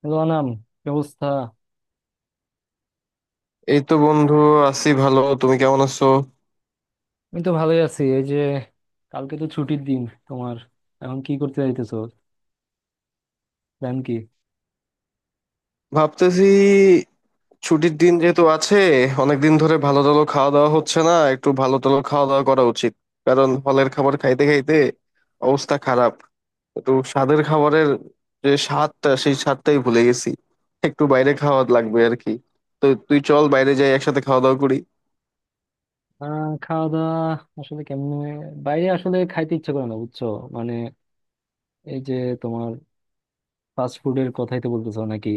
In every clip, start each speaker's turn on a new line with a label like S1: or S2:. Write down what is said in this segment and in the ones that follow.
S1: Hello অনাম, কি অবস্থা?
S2: এই তো বন্ধু, আছি ভালো। তুমি কেমন আছো?
S1: আমি তো ভালোই আছি। এই যে কালকে তো ছুটির দিন, তোমার এখন কি করতে যাইতেছো? প্ল্যান কি?
S2: ভাবতেছি, ছুটির দিন যেহেতু আছে, অনেকদিন ধরে ভালো টালো খাওয়া দাওয়া হচ্ছে না, একটু ভালো টালো খাওয়া দাওয়া করা উচিত। কারণ হলের খাবার খাইতে খাইতে অবস্থা খারাপ। একটু স্বাদের খাবারের যে স্বাদটা, সেই স্বাদটাই ভুলে গেছি। একটু বাইরে খাওয়া লাগবে আর কি। তো তুই চল, বাইরে যাই, একসাথে খাওয়া দাওয়া করি।
S1: খাওয়া দাওয়া আসলে কেমনে, বাইরে আসলে খাইতে ইচ্ছে করে না, বুঝছো? মানে এই যে তোমার ফাস্ট ফুডের কথাই তো বলতেছো নাকি?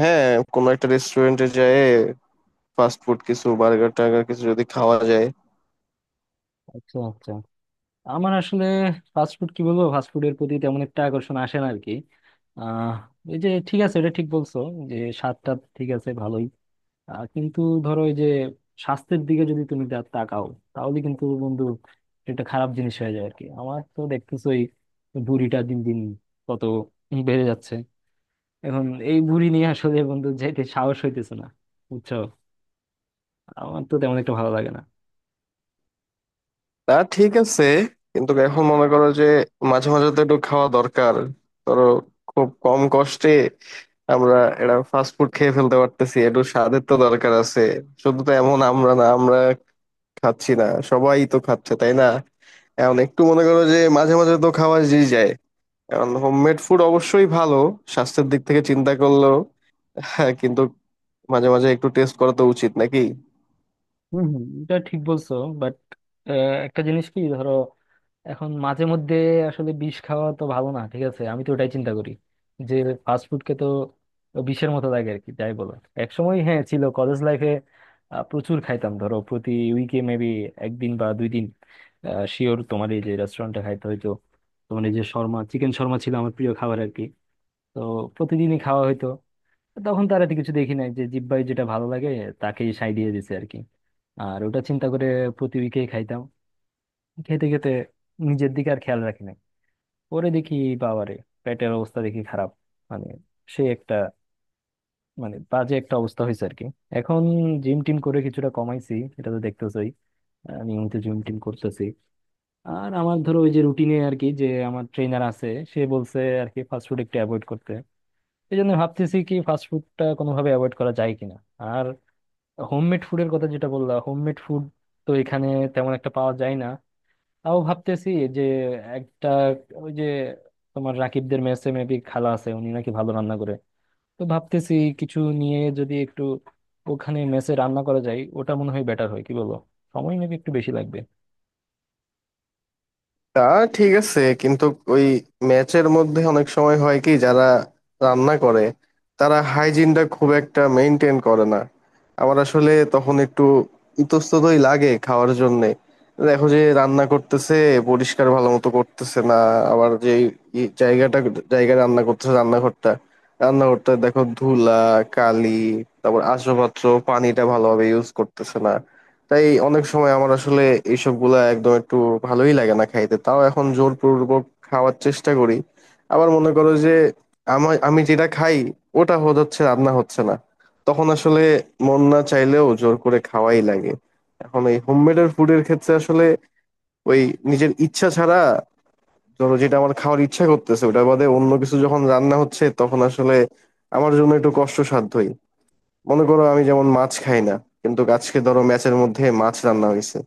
S2: হ্যাঁ, কোনো একটা রেস্টুরেন্টে যাই, ফাস্ট ফুড কিছু, বার্গার টার্গার কিছু যদি খাওয়া যায়।
S1: আচ্ছা আচ্ছা, আমার আসলে ফাস্ট ফুড কি বলবো, ফাস্ট ফুডের প্রতি তেমন একটা আকর্ষণ আসে না আর কি। আহ এই যে ঠিক আছে, এটা ঠিক বলছো যে স্বাদটা ঠিক আছে ভালোই। কিন্তু ধরো ওই যে স্বাস্থ্যের দিকে যদি তুমি তাকাও, তাহলে কিন্তু বন্ধু এটা খারাপ জিনিস হয়ে যায় আর কি। আমার তো দেখতেছোই ভুঁড়িটা দিন দিন কত বেড়ে যাচ্ছে। এখন এই ভুঁড়ি নিয়ে আসলে বন্ধু যেতে সাহস হইতেছে না, বুঝছো? আমার তো তেমন একটা ভালো লাগে না।
S2: তা ঠিক আছে, কিন্তু এখন মনে করো যে মাঝে মাঝে তো একটু খাওয়া দরকার। ধরো, খুব কম কষ্টে আমরা এটা ফাস্ট ফুড খেয়ে ফেলতে পারতেছি, একটু স্বাদের তো দরকার আছে। শুধু তো এমন আমরা না, আমরা খাচ্ছি না সবাই তো খাচ্ছে, তাই না? এখন একটু মনে করো যে মাঝে মাঝে তো খাওয়া যেই যায়। এখন হোমমেড ফুড অবশ্যই ভালো, স্বাস্থ্যের দিক থেকে চিন্তা করলেও, হ্যাঁ, কিন্তু মাঝে মাঝে একটু টেস্ট করা তো উচিত, নাকি?
S1: হম হম, এটা ঠিক বলছো। বাট একটা জিনিস কি ধরো, এখন মাঝে মধ্যে আসলে বিষ খাওয়া তো ভালো না। ঠিক আছে আমি তো ওটাই চিন্তা করি যে ফাস্ট ফুড কে তো বিষের মতো লাগে আর কি, যাই বলো। এক সময় হ্যাঁ ছিল, কলেজ লাইফে প্রচুর খাইতাম। ধরো প্রতি উইকে মেবি 1 দিন বা 2 দিন শিওর তোমার এই যে রেস্টুরেন্টে খাইতে হইতো। তোমার এই যে শর্মা, চিকেন শর্মা ছিল আমার প্রিয় খাবার আর কি। তো প্রতিদিনই খাওয়া হইতো। তখন তার এত কিছু দেখি নাই, যে জিব্বাই যেটা ভালো লাগে তাকেই সাই দিয়ে দিছে আর কি। আর ওটা চিন্তা করে প্রতি উইকেই খাইতাম। খেতে খেতে নিজের দিকে আর খেয়াল রাখি নাই। পরে দেখি বাবারে, পেটের অবস্থা দেখি খারাপ। মানে সে একটা, মানে বাজে একটা অবস্থা হয়েছে আর কি। এখন জিম টিম করে কিছুটা কমাইছি, এটা তো দেখতেছই। আমি তো জিম টিম করতেছি। আর আমার ধরো ওই যে রুটিনে আর কি, যে আমার ট্রেনার আছে, সে বলছে আর কি ফাস্টফুড একটু অ্যাভয়েড করতে। এই জন্য ভাবতেছি কি ফাস্টফুডটা কোনোভাবে অ্যাভয়েড করা যায় কিনা। আর হোমমেড ফুডের কথা যেটা বললাম, হোমমেড ফুড তো এখানে তেমন একটা পাওয়া যায় না। তাও ভাবতেছি যে একটা ওই যে তোমার রাকিবদের মেসে মেবি খালা আছে, উনি নাকি ভালো রান্না করে। তো ভাবতেছি কিছু নিয়ে যদি একটু ওখানে মেসে রান্না করা যায়, ওটা মনে হয় বেটার হয়, কি বলো? সময় মেবি একটু বেশি লাগবে।
S2: তা ঠিক আছে, কিন্তু ওই ম্যাচের মধ্যে অনেক সময় হয় কি, যারা রান্না করে, তারা হাইজিনটা খুব একটা মেনটেন করে না। আমার আসলে তখন একটু ইতস্ততই লাগে খাওয়ার জন্যে। দেখো যে রান্না করতেছে পরিষ্কার ভালো মতো করতেছে না। আবার যে জায়গাটা, জায়গায় রান্না করতেছে, রান্নাঘরটা রান্নাঘরটা দেখো ধুলা, কালি, তারপর আসবাবপত্র, পানিটা ভালোভাবে ইউজ করতেছে না। তাই অনেক সময় আমার আসলে এইসব গুলা একদম একটু ভালোই লাগে না খাইতে। তাও এখন জোরপূর্বক খাওয়ার চেষ্টা করি। আবার মনে করো যে আমার, আমি যেটা খাই ওটা হচ্ছে রান্না হচ্ছে না, তখন আসলে মন না চাইলেও জোর করে খাওয়াই লাগে। এখন এই হোমমেডের ফুডের ক্ষেত্রে আসলে ওই নিজের ইচ্ছা ছাড়া, ধরো, যেটা আমার খাওয়ার ইচ্ছা করতেছে ওটা বাদে অন্য কিছু যখন রান্না হচ্ছে, তখন আসলে আমার জন্য একটু কষ্টসাধ্যই। মনে করো, আমি যেমন মাছ খাই না, কিন্তু আজকে ধরো ম্যাচের মধ্যে মাছ রান্না হয়েছে,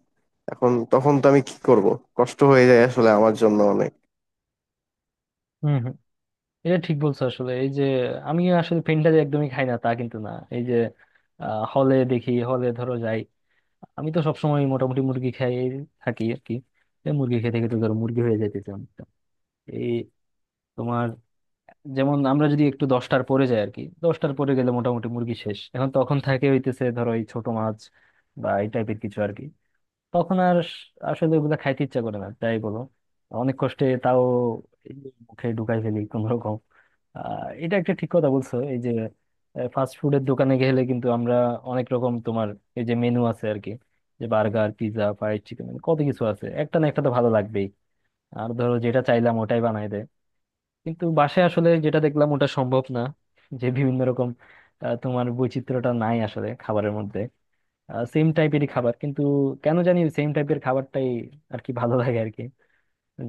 S2: এখন তখন তো আমি কি করব? কষ্ট হয়ে যায় আসলে আমার জন্য অনেক।
S1: হুম হুম, এটা ঠিক বলছো আসলে। এই যে আমি আসলে পেনটা যে একদমই খাই না তা কিন্তু না। এই যে হলে দেখি, হলে ধরো যাই, আমি তো সবসময় মোটামুটি মুরগি খাই থাকি আর কি। এই মুরগি খেতে খেতে ধরো মুরগি হয়ে যাইতেছে অনেকটা। এই তোমার যেমন আমরা যদি একটু 10টার পরে যাই আর কি, 10টার পরে গেলে মোটামুটি মুরগি শেষ। এখন তখন থাকে হইতেছে ধরো এই ছোট মাছ বা এই টাইপের কিছু আর কি। তখন আর আসলে ওগুলা খাইতে ইচ্ছা করে না, তাই বলো। অনেক কষ্টে তাও এই মুখে ঢুকাই ফেলি কোন রকম। এটা একটা ঠিক কথা বলছো। এই যে ফাস্ট ফুডের দোকানে গেলে কিন্তু আমরা অনেক রকম তোমার এই যে মেনু আছে আর কি, যে বার্গার, পিৎজা, ফ্রাইড চিকেন কত কিছু আছে, একটা না একটা তো ভালো লাগবেই। আর ধরো যেটা চাইলাম ওটাই বানাই দেয়। কিন্তু বাসায় আসলে যেটা দেখলাম ওটা সম্ভব না, যে বিভিন্ন রকম, তোমার বৈচিত্র্যটা নাই আসলে খাবারের মধ্যে। সেম টাইপেরই খাবার, কিন্তু কেন জানি সেম টাইপের খাবারটাই আর কি ভালো লাগে আর কি,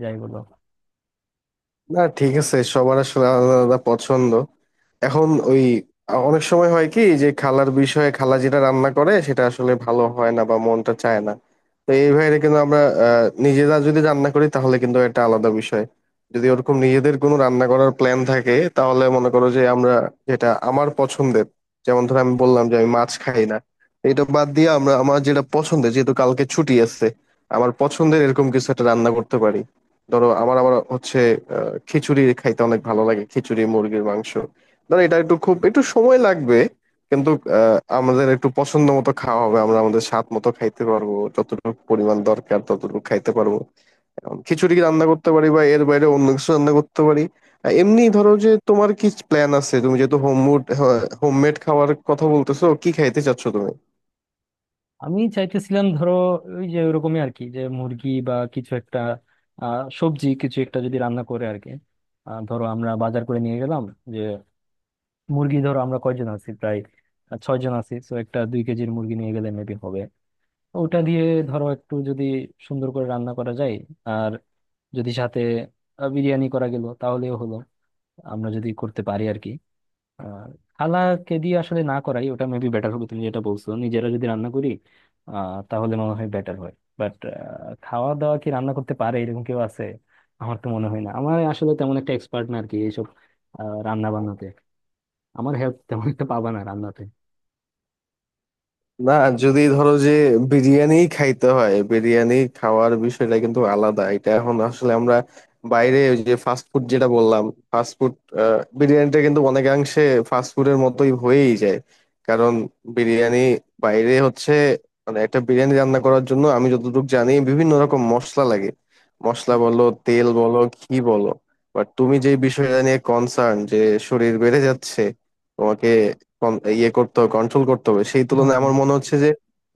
S1: যাই বলো।
S2: না, ঠিক আছে, সবার আসলে আলাদা আলাদা পছন্দ। এখন ওই অনেক সময় হয় কি যে খালার বিষয়ে, খালা যেটা রান্না করে সেটা আসলে ভালো হয় না বা মনটা চায় না। তো এই ভাইরে কিন্তু আমরা, আহ, নিজেরা যদি রান্না করি তাহলে কিন্তু এটা আলাদা বিষয়। যদি ওরকম নিজেদের কোনো রান্না করার প্ল্যান থাকে, তাহলে মনে করো যে আমরা, যেটা আমার পছন্দের, যেমন ধর আমি বললাম যে আমি মাছ খাই না, এটা বাদ দিয়ে আমরা আমার যেটা পছন্দের, যেহেতু কালকে ছুটি আছে, আমার পছন্দের এরকম কিছু একটা রান্না করতে পারি। ধরো, আমার আবার হচ্ছে খিচুড়ি খাইতে অনেক ভালো লাগে, খিচুড়ি মুরগির মাংস। ধরো এটা একটু, খুব একটু সময় লাগবে, কিন্তু আহ, আমাদের একটু পছন্দ মতো খাওয়া হবে, আমরা আমাদের স্বাদ মতো খাইতে পারবো, যতটুকু পরিমাণ দরকার ততটুকু খাইতে পারবো। এখন খিচুড়ি রান্না করতে পারি বা এর বাইরে অন্য কিছু রান্না করতে পারি। আহ, এমনি ধরো যে তোমার কি প্ল্যান আছে? তুমি যেহেতু হোমমেড হোমমেড খাওয়ার কথা বলতেছো, কি খাইতে চাচ্ছো তুমি?
S1: আমি চাইতেছিলাম ধরো ওই যে ওরকমই আর কি, যে মুরগি বা কিছু একটা, সবজি কিছু একটা যদি রান্না করে আর কি। ধরো আমরা বাজার করে নিয়ে গেলাম, যে মুরগি ধরো আমরা কয়জন আছি প্রায় 6 জন আছি, তো একটা 2 কেজির মুরগি নিয়ে গেলে মেবি হবে। ওটা দিয়ে ধরো একটু যদি সুন্দর করে রান্না করা যায়, আর যদি সাথে বিরিয়ানি করা গেল তাহলেও হলো, আমরা যদি করতে পারি আর কি। আর খালাকে দিয়ে আসলে না করাই ওটা মেবি বেটার হবে, তুমি যেটা বলছো নিজেরা যদি রান্না করি, তাহলে মনে হয় বেটার হয়। বাট খাওয়া দাওয়া কি রান্না করতে পারে এরকম কেউ আছে? আমার তো মনে হয় না, আমার আসলে তেমন একটা এক্সপার্ট না আর কি এইসব রান্না বান্নাতে। আমার হেল্প তেমন একটা পাবা না রান্নাতে।
S2: না, যদি ধরো যে বিরিয়ানি খাইতে হয়, বিরিয়ানি খাওয়ার বিষয়টা কিন্তু আলাদা। এটা এখন আসলে আমরা বাইরে, ওই যে ফাস্ট ফুড যেটা বললাম, ফাস্ট ফুড, বিরিয়ানিটা কিন্তু অনেকাংশে ফাস্ট ফুডের মতোই হয়েই যায়। কারণ বিরিয়ানি বাইরে হচ্ছে, মানে একটা বিরিয়ানি রান্না করার জন্য আমি যতটুকু জানি বিভিন্ন রকম মশলা লাগে, মশলা বলো, তেল বলো, ঘি বলো। বাট তুমি যে বিষয়টা নিয়ে কনসার্ন, যে শরীর বেড়ে যাচ্ছে, তোমাকে ইয়ে করতে হবে, কন্ট্রোল করতে হবে, সেই
S1: হ্যাঁ,
S2: তুলনায় আমার মনে হচ্ছে যে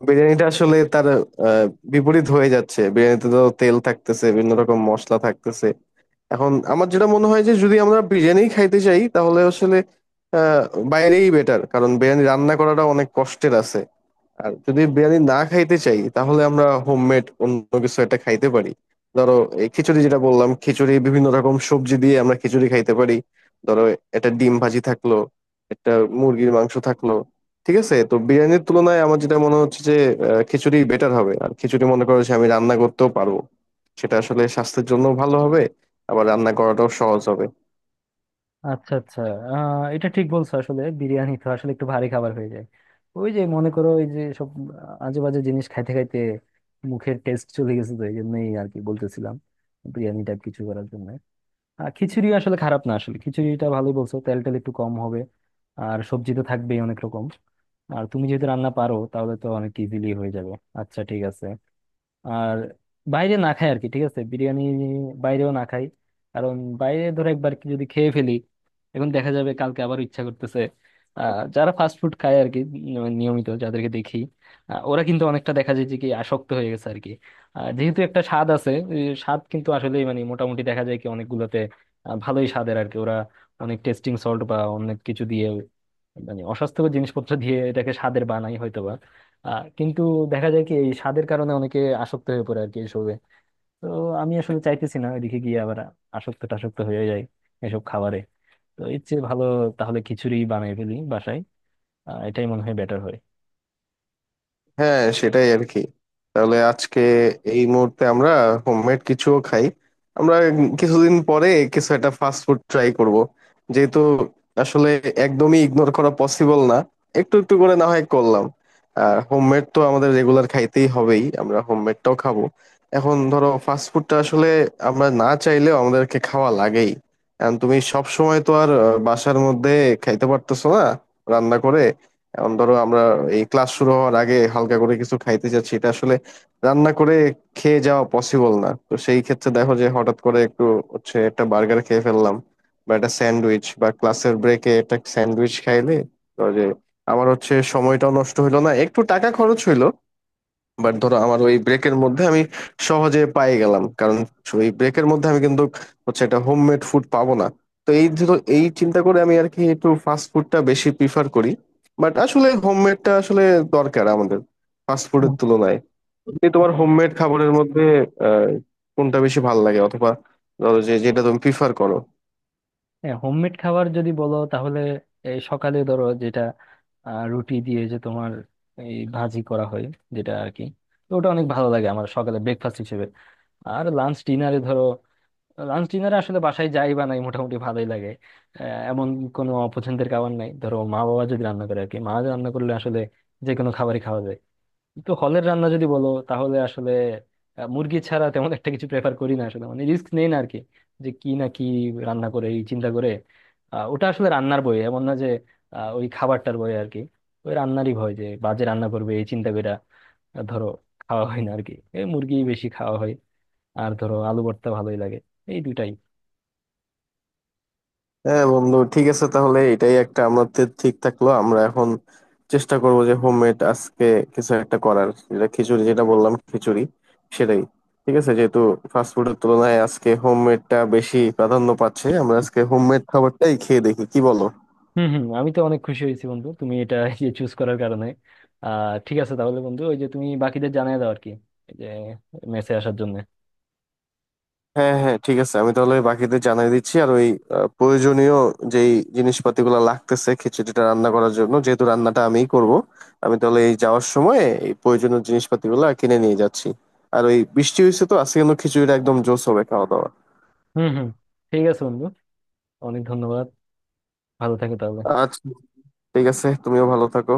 S2: বিরিয়ানিটা আসলে তার আহ, বিপরীত হয়ে যাচ্ছে। বিরিয়ানিতে তো তেল থাকতেছে, বিভিন্ন রকম মশলা থাকতেছে। এখন আমার যেটা মনে হয় যে যদি আমরা বিরিয়ানি খাইতে চাই তাহলে আসলে আহ বাইরেই বেটার, কারণ বিরিয়ানি রান্না করাটা অনেক কষ্টের আছে। আর যদি বিরিয়ানি না খাইতে চাই, তাহলে আমরা হোমমেড অন্য কিছু একটা খাইতে পারি। ধরো, এই খিচুড়ি যেটা বললাম, খিচুড়ি বিভিন্ন রকম সবজি দিয়ে আমরা খিচুড়ি খাইতে পারি। ধরো একটা ডিম ভাজি থাকলো, একটা মুরগির মাংস থাকলো, ঠিক আছে। তো বিরিয়ানির তুলনায় আমার যেটা মনে হচ্ছে যে আহ, খিচুড়ি বেটার হবে। আর খিচুড়ি মনে করো যে আমি রান্না করতেও পারবো, সেটা আসলে স্বাস্থ্যের জন্য ভালো হবে, আবার রান্না করাটাও সহজ হবে।
S1: আচ্ছা আচ্ছা। এটা ঠিক বলছো আসলে, বিরিয়ানি তো আসলে একটু ভারী খাবার হয়ে যায়। ওই যে মনে করো ওই যে সব আজে বাজে জিনিস খাইতে খাইতে মুখের টেস্ট চলে গেছে, তো এই জন্যই আর কি বলতেছিলাম বিরিয়ানি টাইপ কিছু করার জন্য। আর খিচুড়ি আসলে খারাপ না, আসলে খিচুড়িটা ভালোই বলছো, তেল টেল একটু কম হবে। আর সবজি তো থাকবেই অনেক রকম। আর তুমি যেহেতু রান্না পারো, তাহলে তো অনেক ইজিলি হয়ে যাবে। আচ্ছা ঠিক আছে। আর বাইরে না খাই আর কি, ঠিক আছে বিরিয়ানি বাইরেও না খাই, কারণ বাইরে ধরো একবার কি যদি খেয়ে ফেলি, এখন দেখা যাবে কালকে আবার ইচ্ছা করতেছে। যারা ফাস্ট ফুড খায় আর কি, নিয়মিত যাদেরকে দেখি, ওরা কিন্তু অনেকটা দেখা যায় যে কি আসক্ত হয়ে গেছে আর কি। আর যেহেতু একটা স্বাদ আছে, এই স্বাদ কিন্তু আসলে মানে মোটামুটি দেখা যায় কি অনেকগুলোতে ভালোই স্বাদের আর কি। ওরা অনেক টেস্টিং সল্ট বা অনেক কিছু দিয়ে, মানে অস্বাস্থ্যকর জিনিসপত্র দিয়ে এটাকে স্বাদের বানাই হয়তোবা। কিন্তু দেখা যায় কি এই স্বাদের কারণে অনেকে আসক্ত হয়ে পড়ে আর কি এসবে। তো আমি আসলে চাইতেছি না এদিকে গিয়ে আবার আসক্ত টাসক্ত হয়ে যায় এসব খাবারে। তো এর চেয়ে ভালো তাহলে খিচুড়ি বানিয়ে ফেলি বাসায়, এটাই মনে হয় বেটার হয়।
S2: হ্যাঁ, সেটাই আর কি। তাহলে আজকে এই মুহূর্তে আমরা হোমমেড কিছুও খাই, আমরা কিছুদিন পরে কিছু একটা ফাস্ট ফুড ট্রাই করব, যেহেতু আসলে একদমই ইগনোর করা পসিবল না, একটু একটু করে না হয় করলাম। আর হোমমেড তো আমাদের রেগুলার খাইতেই হবেই, আমরা হোমমেডটাও খাবো। এখন ধরো ফাস্ট ফুডটা আসলে আমরা না চাইলেও আমাদেরকে খাওয়া লাগেই, কারণ তুমি সব সময় তো আর আহ, বাসার মধ্যে খাইতে পারতেছো না রান্না করে। এখন ধরো আমরা এই ক্লাস শুরু হওয়ার আগে হালকা করে কিছু খাইতে যাচ্ছি, এটা আসলে রান্না করে খেয়ে যাওয়া পসিবল না। তো সেই ক্ষেত্রে দেখো যে হঠাৎ করে একটু হচ্ছে একটা বার্গার খেয়ে ফেললাম, বা একটা স্যান্ডউইচ, বা ক্লাসের ব্রেকে একটা স্যান্ডউইচ খাইলে, ধরো যে আমার হচ্ছে সময়টাও নষ্ট হইলো না, একটু টাকা খরচ হইলো। বাট ধরো আমার ওই ব্রেকের মধ্যে আমি সহজে পাই গেলাম, কারণ ওই ব্রেকের মধ্যে আমি কিন্তু হচ্ছে একটা হোমমেড ফুড পাবো না। তো এই ধরো এই চিন্তা করে আমি আর কি একটু ফাস্ট ফুডটা বেশি প্রিফার করি। বাট আসলে হোমমেডটা আসলে দরকার আমাদের, ফাস্ট ফুডের
S1: হুম।
S2: তুলনায়। যে তোমার হোমমেড খাবারের মধ্যে আহ, কোনটা বেশি ভালো লাগে, অথবা ধরো যে যেটা তুমি প্রিফার করো?
S1: হ্যাঁ হোমমেড খাবার যদি বলো তাহলে এই সকালে ধরো যেটা রুটি দিয়ে যে তোমার এই ভাজি করা হয় যেটা আর কি, তো ওটা অনেক ভালো লাগে আমার সকালে ব্রেকফাস্ট হিসেবে। আর লাঞ্চ ডিনারে ধরো, লাঞ্চ ডিনারে আসলে বাসায় যাই বানাই মোটামুটি ভালোই লাগে। আহ, এমন কোনো অপছন্দের খাবার নাই, ধরো মা বাবা যদি রান্না করে আর কি, মা রান্না করলে আসলে যে কোনো খাবারই খাওয়া যায়। তো হলের রান্না যদি বলো তাহলে আসলে মুরগি ছাড়া তেমন একটা কিছু প্রেফার করি না আসলে, মানে রিস্ক নেই না আর কি, যে কি না কি রান্না করে এই চিন্তা করে। ওটা আসলে রান্নার বই এমন না যে ওই খাবারটার বই আর কি, ওই রান্নারই ভয় যে বাজে রান্না করবে এই চিন্তা করে ধরো খাওয়া হয় না আর কি, এই মুরগি বেশি খাওয়া হয়। আর ধরো আলু ভর্তা ভালোই লাগে, এই দুটাই।
S2: হ্যাঁ বন্ধু, ঠিক আছে, তাহলে এটাই একটা আমাদের ঠিক থাকলো। আমরা এখন চেষ্টা করব যে হোমমেড আজকে কিছু একটা করার, যেটা খিচুড়ি যেটা বললাম, খিচুড়ি সেটাই, ঠিক আছে, যেহেতু ফাস্টফুডের তুলনায় আজকে হোমমেডটা বেশি প্রাধান্য পাচ্ছে, আমরা আজকে হোমমেড খাবারটাই খেয়ে দেখি, কি বলো?
S1: হম হম, আমি তো অনেক খুশি হয়েছি বন্ধু তুমি এটা এই যে চুজ করার কারণে। ঠিক আছে তাহলে বন্ধু, ওই যে তুমি বাকিদের জানিয়ে দাও আর কি এই যে মেসে আসার জন্য।
S2: হ্যাঁ হ্যাঁ, ঠিক আছে, আমি তাহলে বাকিদের জানিয়ে দিচ্ছি। আর ওই আহ, প্রয়োজনীয় যেই জিনিসপাতিগুলো লাগতেছে খিচুড়িটা রান্না করার জন্য, যেহেতু রান্নাটা আমিই করব, আমি তাহলে এই যাওয়ার সময় এই প্রয়োজনীয় জিনিসপাতিগুলো কিনে নিয়ে যাচ্ছি। আর ওই বৃষ্টি হয়েছে তো আজকে, কিন্তু খিচুড়িটা একদম জোস হবে খাওয়া দাওয়া।
S1: হম হম, ঠিক আছে বন্ধু, অনেক ধন্যবাদ, ভালো থাকো তাহলে।
S2: আচ্ছা, ঠিক আছে, তুমিও ভালো থাকো।